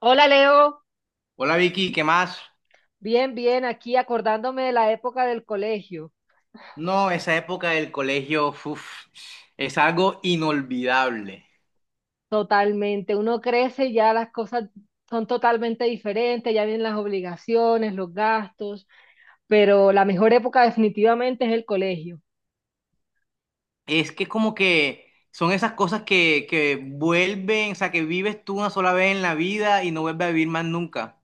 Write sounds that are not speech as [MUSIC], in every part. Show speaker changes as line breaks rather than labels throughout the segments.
Hola Leo,
Hola Vicky, ¿qué más?
bien, bien, aquí acordándome de la época del colegio.
No, esa época del colegio, uf, es algo inolvidable.
Totalmente, uno crece y ya las cosas son totalmente diferentes, ya vienen las obligaciones, los gastos, pero la mejor época definitivamente es el colegio.
Es que como que son esas cosas que vuelven, o sea, que vives tú una sola vez en la vida y no vuelves a vivir más nunca.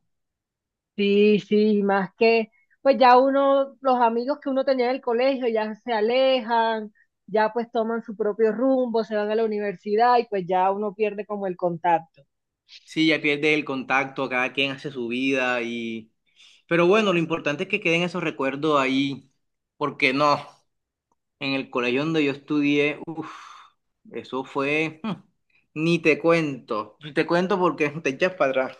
Sí, sí, más que, pues ya uno, los amigos que uno tenía en el colegio ya se alejan, ya pues toman su propio rumbo, se van a la universidad y pues ya uno pierde como el contacto.
Sí, ya pierdes el contacto, cada quien hace su vida y... Pero bueno, lo importante es que queden esos recuerdos ahí, porque no, en el colegio donde yo estudié, uf, eso fue... ni te cuento, ni te cuento porque [LAUGHS] te echas para atrás.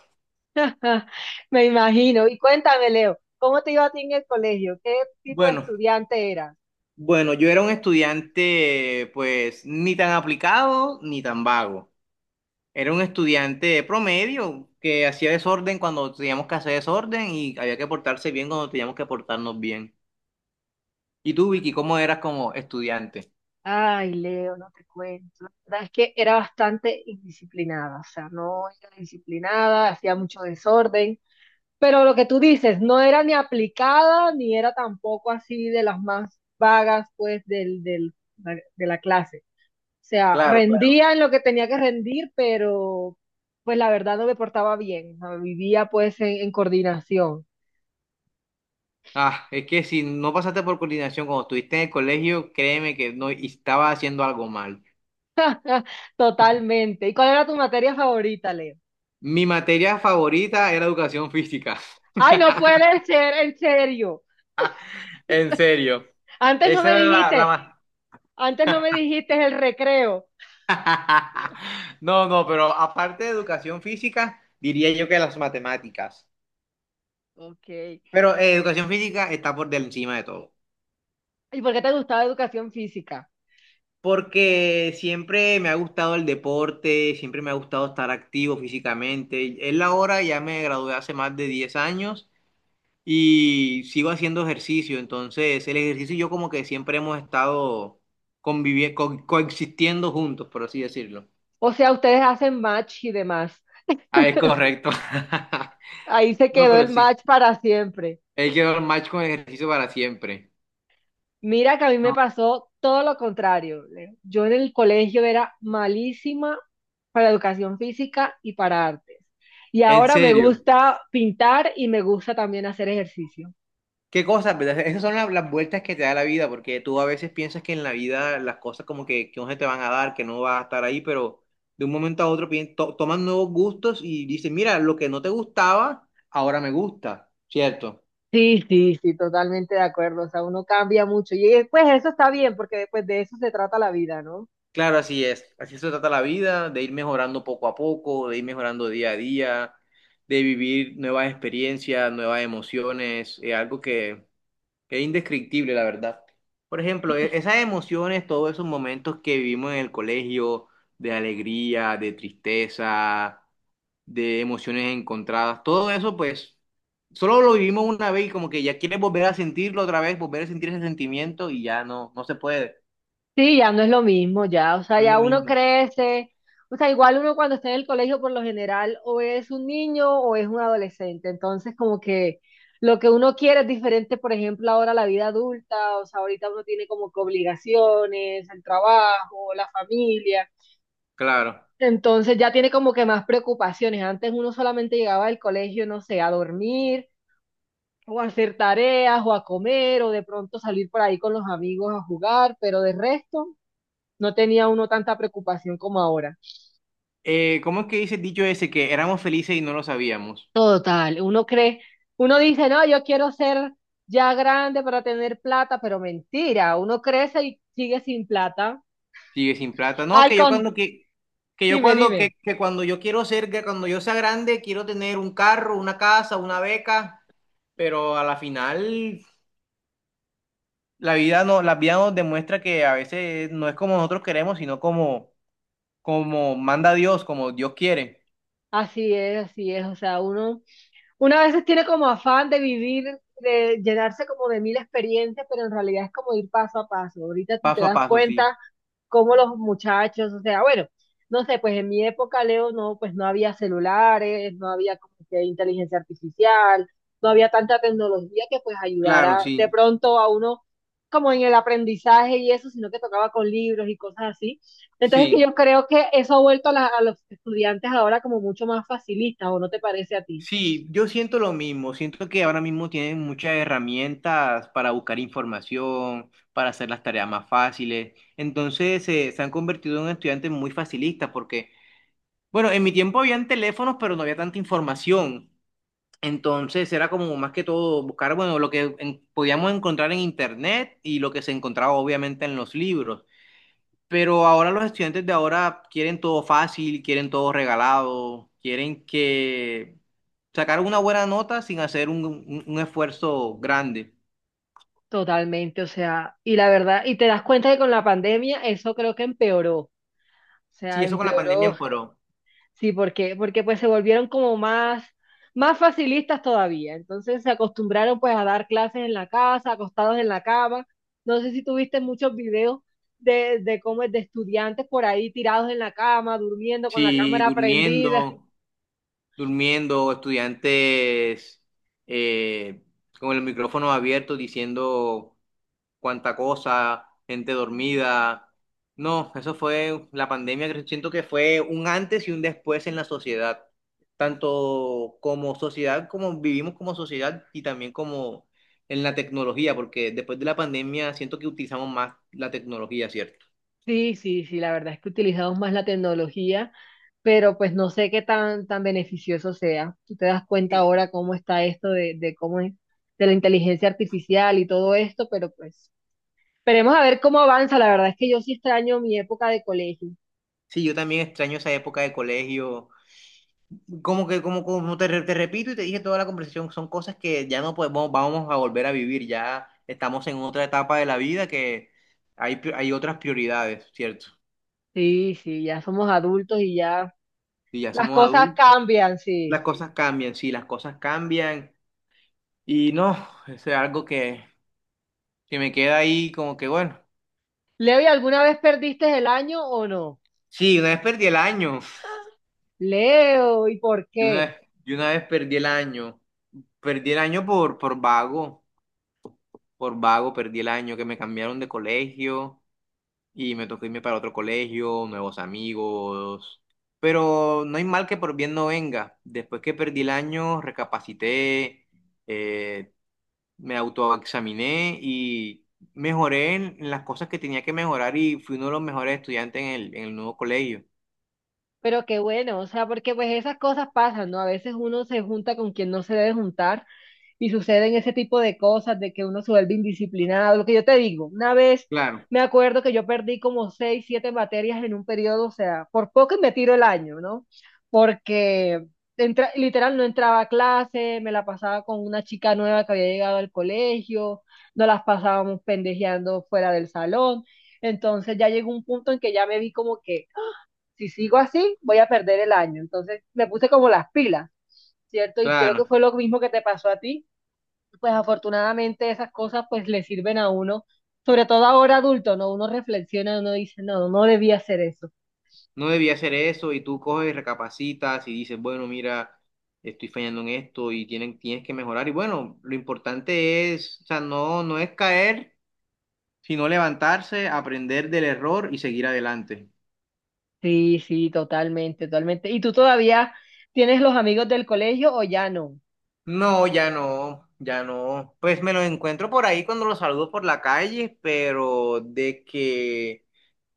[LAUGHS] Me imagino. Y cuéntame, Leo, ¿cómo te iba a ti en el colegio? ¿Qué tipo de
Bueno.
estudiante eras?
Bueno, yo era un estudiante, pues, ni tan aplicado ni tan vago. Era un estudiante promedio que hacía desorden cuando teníamos que hacer desorden y había que portarse bien cuando teníamos que portarnos bien. ¿Y tú, Vicky, cómo eras como estudiante?
Ay, Leo, no te cuento. La verdad es que era bastante indisciplinada, o sea, no era disciplinada, hacía mucho desorden, pero lo que tú dices, no era ni aplicada, ni era tampoco así de las más vagas, pues, de la clase. O sea,
Claro, claro.
rendía en lo que tenía que rendir, pero pues la verdad no me portaba bien, o sea, vivía pues en coordinación.
Ah, es que si no pasaste por coordinación cuando estuviste en el colegio, créeme que no estaba haciendo algo mal.
Totalmente. ¿Y cuál era tu materia favorita, Leo?
Mi materia favorita era educación física. [LAUGHS]
Ay, no puede ser, ¿en serio?
En serio.
Antes no
Esa
me
era la
dijiste,
más
antes no me dijiste el recreo.
[LAUGHS] no, no, pero aparte de educación física, diría yo que las matemáticas.
Ok.
Pero educación física está por encima de todo.
¿Y por qué te gustaba educación física?
Porque siempre me ha gustado el deporte, siempre me ha gustado estar activo físicamente. Es la hora, ya me gradué hace más de 10 años y sigo haciendo ejercicio. Entonces, el ejercicio y yo como que siempre hemos estado conviviendo, coexistiendo juntos, por así decirlo.
O sea, ustedes hacen match y demás.
Ah, es
[LAUGHS]
correcto. [LAUGHS]
Ahí se
No,
quedó
pero
el
sí.
match para siempre.
Él quedó el match con el ejercicio para siempre.
Mira que a mí me
No,
pasó todo lo contrario, Leo. Yo en el colegio era malísima para educación física y para artes. Y
en
ahora me
serio.
gusta pintar y me gusta también hacer ejercicio.
Qué cosas, ¿verdad? Esas son las vueltas que te da la vida, porque tú a veces piensas que en la vida las cosas como que no se te van a dar, que no vas a estar ahí, pero de un momento a otro toman nuevos gustos y dicen, mira, lo que no te gustaba, ahora me gusta, ¿cierto?
Sí, sí, sí, totalmente de acuerdo. O sea, uno cambia mucho. Y pues eso está bien, porque después de eso se trata la vida, ¿no?
Claro, así es. Así se trata la vida, de ir mejorando poco a poco, de ir mejorando día a día, de vivir nuevas experiencias, nuevas emociones, es algo que es indescriptible, la verdad. Por ejemplo, esas emociones, todos esos momentos que vivimos en el colegio, de alegría, de tristeza, de emociones encontradas, todo eso, pues, solo lo vivimos una vez y como que ya quieres volver a sentirlo otra vez, volver a sentir ese sentimiento y ya no, no se puede.
Sí, ya no es lo mismo, ya. O sea,
No es lo
ya uno
mismo.
crece. O sea, igual uno cuando está en el colegio, por lo general, o es un niño o es un adolescente. Entonces, como que lo que uno quiere es diferente, por ejemplo, ahora la vida adulta. O sea, ahorita uno tiene como que obligaciones, el trabajo, la familia.
Claro.
Entonces ya tiene como que más preocupaciones. Antes uno solamente llegaba del colegio, no sé, a dormir o a hacer tareas, o a comer, o de pronto salir por ahí con los amigos a jugar, pero de resto no tenía uno tanta preocupación como ahora.
¿cómo es que dice el dicho ese que éramos felices y no lo sabíamos?
Total, uno cree, uno dice, no, yo quiero ser ya grande para tener plata, pero mentira, uno crece y sigue sin plata.
Sigue sin plata. No,
Ay, con, dime, dime.
que cuando yo quiero ser, que cuando yo sea grande, quiero tener un carro, una casa, una beca, pero a la final la vida no, la vida nos demuestra que a veces no es como nosotros queremos, sino como, como manda Dios, como Dios quiere,
Así es, o sea, uno, una veces tiene como afán de vivir, de llenarse como de mil experiencias, pero en realidad es como ir paso a paso. Ahorita si te
paso a
das
paso, sí.
cuenta, cómo los muchachos, o sea, bueno, no sé, pues en mi época, Leo, no, pues no había celulares, no había como que inteligencia artificial, no había tanta tecnología que pues
Claro,
ayudara de
sí.
pronto a uno como en el aprendizaje y eso, sino que tocaba con libros y cosas así. Entonces que
Sí.
yo creo que eso ha vuelto a, a los estudiantes ahora como mucho más facilistas, ¿o no te parece a ti?
Sí, yo siento lo mismo, siento que ahora mismo tienen muchas herramientas para buscar información, para hacer las tareas más fáciles, entonces se han convertido en estudiantes muy facilistas porque, bueno, en mi tiempo habían teléfonos, pero no había tanta información, entonces era como más que todo buscar, bueno, lo que podíamos encontrar en internet y lo que se encontraba obviamente en los libros. Pero ahora los estudiantes de ahora quieren todo fácil, quieren todo regalado, quieren que sacar una buena nota sin hacer un esfuerzo grande.
Totalmente, o sea, y la verdad, y te das cuenta que con la pandemia eso creo que empeoró, o
Sí,
sea,
eso con la pandemia
empeoró.
empeoró.
Sí, porque, porque pues se volvieron como más, más facilistas todavía. Entonces se acostumbraron pues a dar clases en la casa, acostados en la cama. No sé si tuviste muchos videos de cómo es, de estudiantes por ahí tirados en la cama, durmiendo con la
Sí,
cámara prendida.
durmiendo, durmiendo, estudiantes eh, con el micrófono abierto diciendo cuánta cosa, gente dormida. No, eso fue la pandemia que siento que fue un antes y un después en la sociedad, tanto como sociedad, como vivimos como sociedad y también como en la tecnología, porque después de la pandemia siento que utilizamos más la tecnología, ¿cierto?
Sí, sí, sí, la verdad es que utilizamos más la tecnología, pero pues no sé qué tan, tan beneficioso sea. Tú te das cuenta ahora cómo está esto de cómo es, de la inteligencia artificial y todo esto, pero pues esperemos a ver cómo avanza. La verdad es que yo sí extraño mi época de colegio.
Sí, yo también extraño esa época de colegio. Como que, como te, te repito y te dije toda la conversación, son cosas que ya no podemos, vamos a volver a vivir, ya estamos en otra etapa de la vida que hay, hay otras prioridades, ¿cierto?
Sí, sí, ya somos adultos y ya
Y ya
las
somos
cosas
adultos,
cambian,
las
sí.
cosas cambian, sí, las cosas cambian, y no, eso es algo que me queda ahí como que, bueno,
Leo, ¿y alguna vez perdiste el año o no?
sí, una vez perdí el año,
Leo, ¿y por
yo una
qué?
vez, yo una vez perdí el año por vago perdí el año, que me cambiaron de colegio. Y me tocó irme para otro colegio, nuevos amigos. Pero no hay mal que por bien no venga. Después que perdí el año, recapacité, eh, me autoexaminé y mejoré en las cosas que tenía que mejorar y fui uno de los mejores estudiantes en el nuevo colegio.
Pero qué bueno, o sea, porque pues esas cosas pasan, ¿no? A veces uno se junta con quien no se debe juntar y suceden ese tipo de cosas, de que uno se vuelve indisciplinado, lo que yo te digo, una vez
Claro,
me acuerdo que yo perdí como seis, siete materias en un periodo, o sea, por poco y me tiro el año, ¿no? Porque literal no entraba a clase, me la pasaba con una chica nueva que había llegado al colegio, nos las pasábamos pendejeando fuera del salón, entonces ya llegó un punto en que ya me vi como que si sigo así, voy a perder el año, entonces me puse como las pilas, ¿cierto? Y creo
claro.
que fue lo mismo que te pasó a ti. Pues afortunadamente esas cosas pues le sirven a uno, sobre todo ahora adulto, ¿no? Uno reflexiona, uno dice, no, no debía hacer eso.
No debía hacer eso y tú coges y recapacitas y dices, bueno, mira, estoy fallando en esto y tienes que mejorar. Y bueno, lo importante es, o sea, no, no es caer, sino levantarse, aprender del error y seguir adelante.
Sí, sí, totalmente, totalmente. ¿Y tú todavía tienes los amigos del colegio o ya no?
No, ya no, ya no. Pues me lo encuentro por ahí cuando lo saludo por la calle, pero de que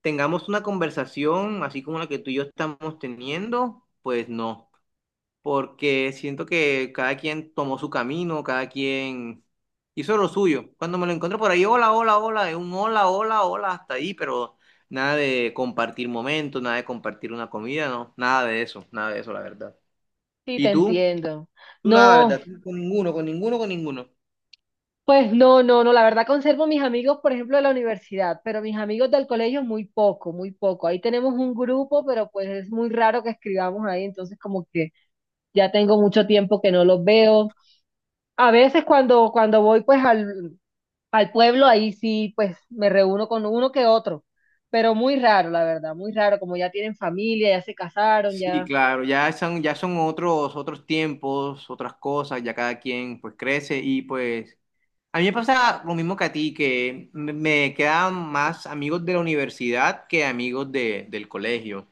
tengamos una conversación así como la que tú y yo estamos teniendo, pues no, porque siento que cada quien tomó su camino, cada quien hizo lo suyo. Cuando me lo encuentro por ahí, hola, hola, hola, es un hola, hola, hola, hasta ahí, pero nada de compartir momentos, nada de compartir una comida, no, nada de eso, nada de eso, la verdad.
Sí,
¿Y
te
tú?
entiendo.
Tú nada, la
No,
verdad, tú con ninguno, con ninguno, con ninguno.
pues no, no, no, la verdad conservo mis amigos, por ejemplo, de la universidad, pero mis amigos del colegio muy poco, muy poco. Ahí tenemos un grupo, pero pues es muy raro que escribamos ahí, entonces como que ya tengo mucho tiempo que no los veo. A veces cuando, cuando voy pues al, al pueblo ahí sí, pues me reúno con uno que otro, pero muy raro, la verdad, muy raro, como ya tienen familia, ya se casaron,
Sí,
ya.
claro, ya son otros, otros tiempos, otras cosas, ya cada quien pues crece y pues a mí me pasa lo mismo que a ti, que me quedan más amigos de la universidad que amigos de, del colegio.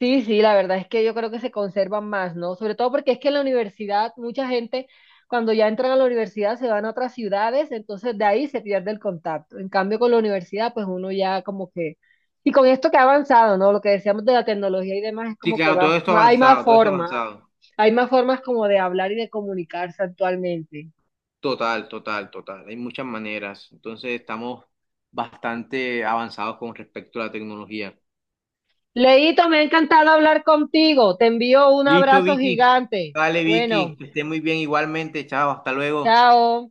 Sí, sí, la verdad es que yo creo que se conservan más, ¿no? Sobre todo porque es que en la universidad mucha gente cuando ya entran a la universidad se van a otras ciudades, entonces de ahí se pierde el contacto. En cambio con la universidad pues uno ya como que... Y con esto que ha avanzado, ¿no? Lo que decíamos de la tecnología y demás es
Sí,
como que
claro,
va,
todo esto avanzado, todo eso avanzado.
hay más formas como de hablar y de comunicarse actualmente.
Total, total, total. Hay muchas maneras. Entonces estamos bastante avanzados con respecto a la tecnología.
Leito, me ha encantado hablar contigo. Te envío un
Listo,
abrazo
Vicky.
gigante.
Dale, Vicky.
Bueno,
Que esté muy bien igualmente. Chao, hasta luego.
chao.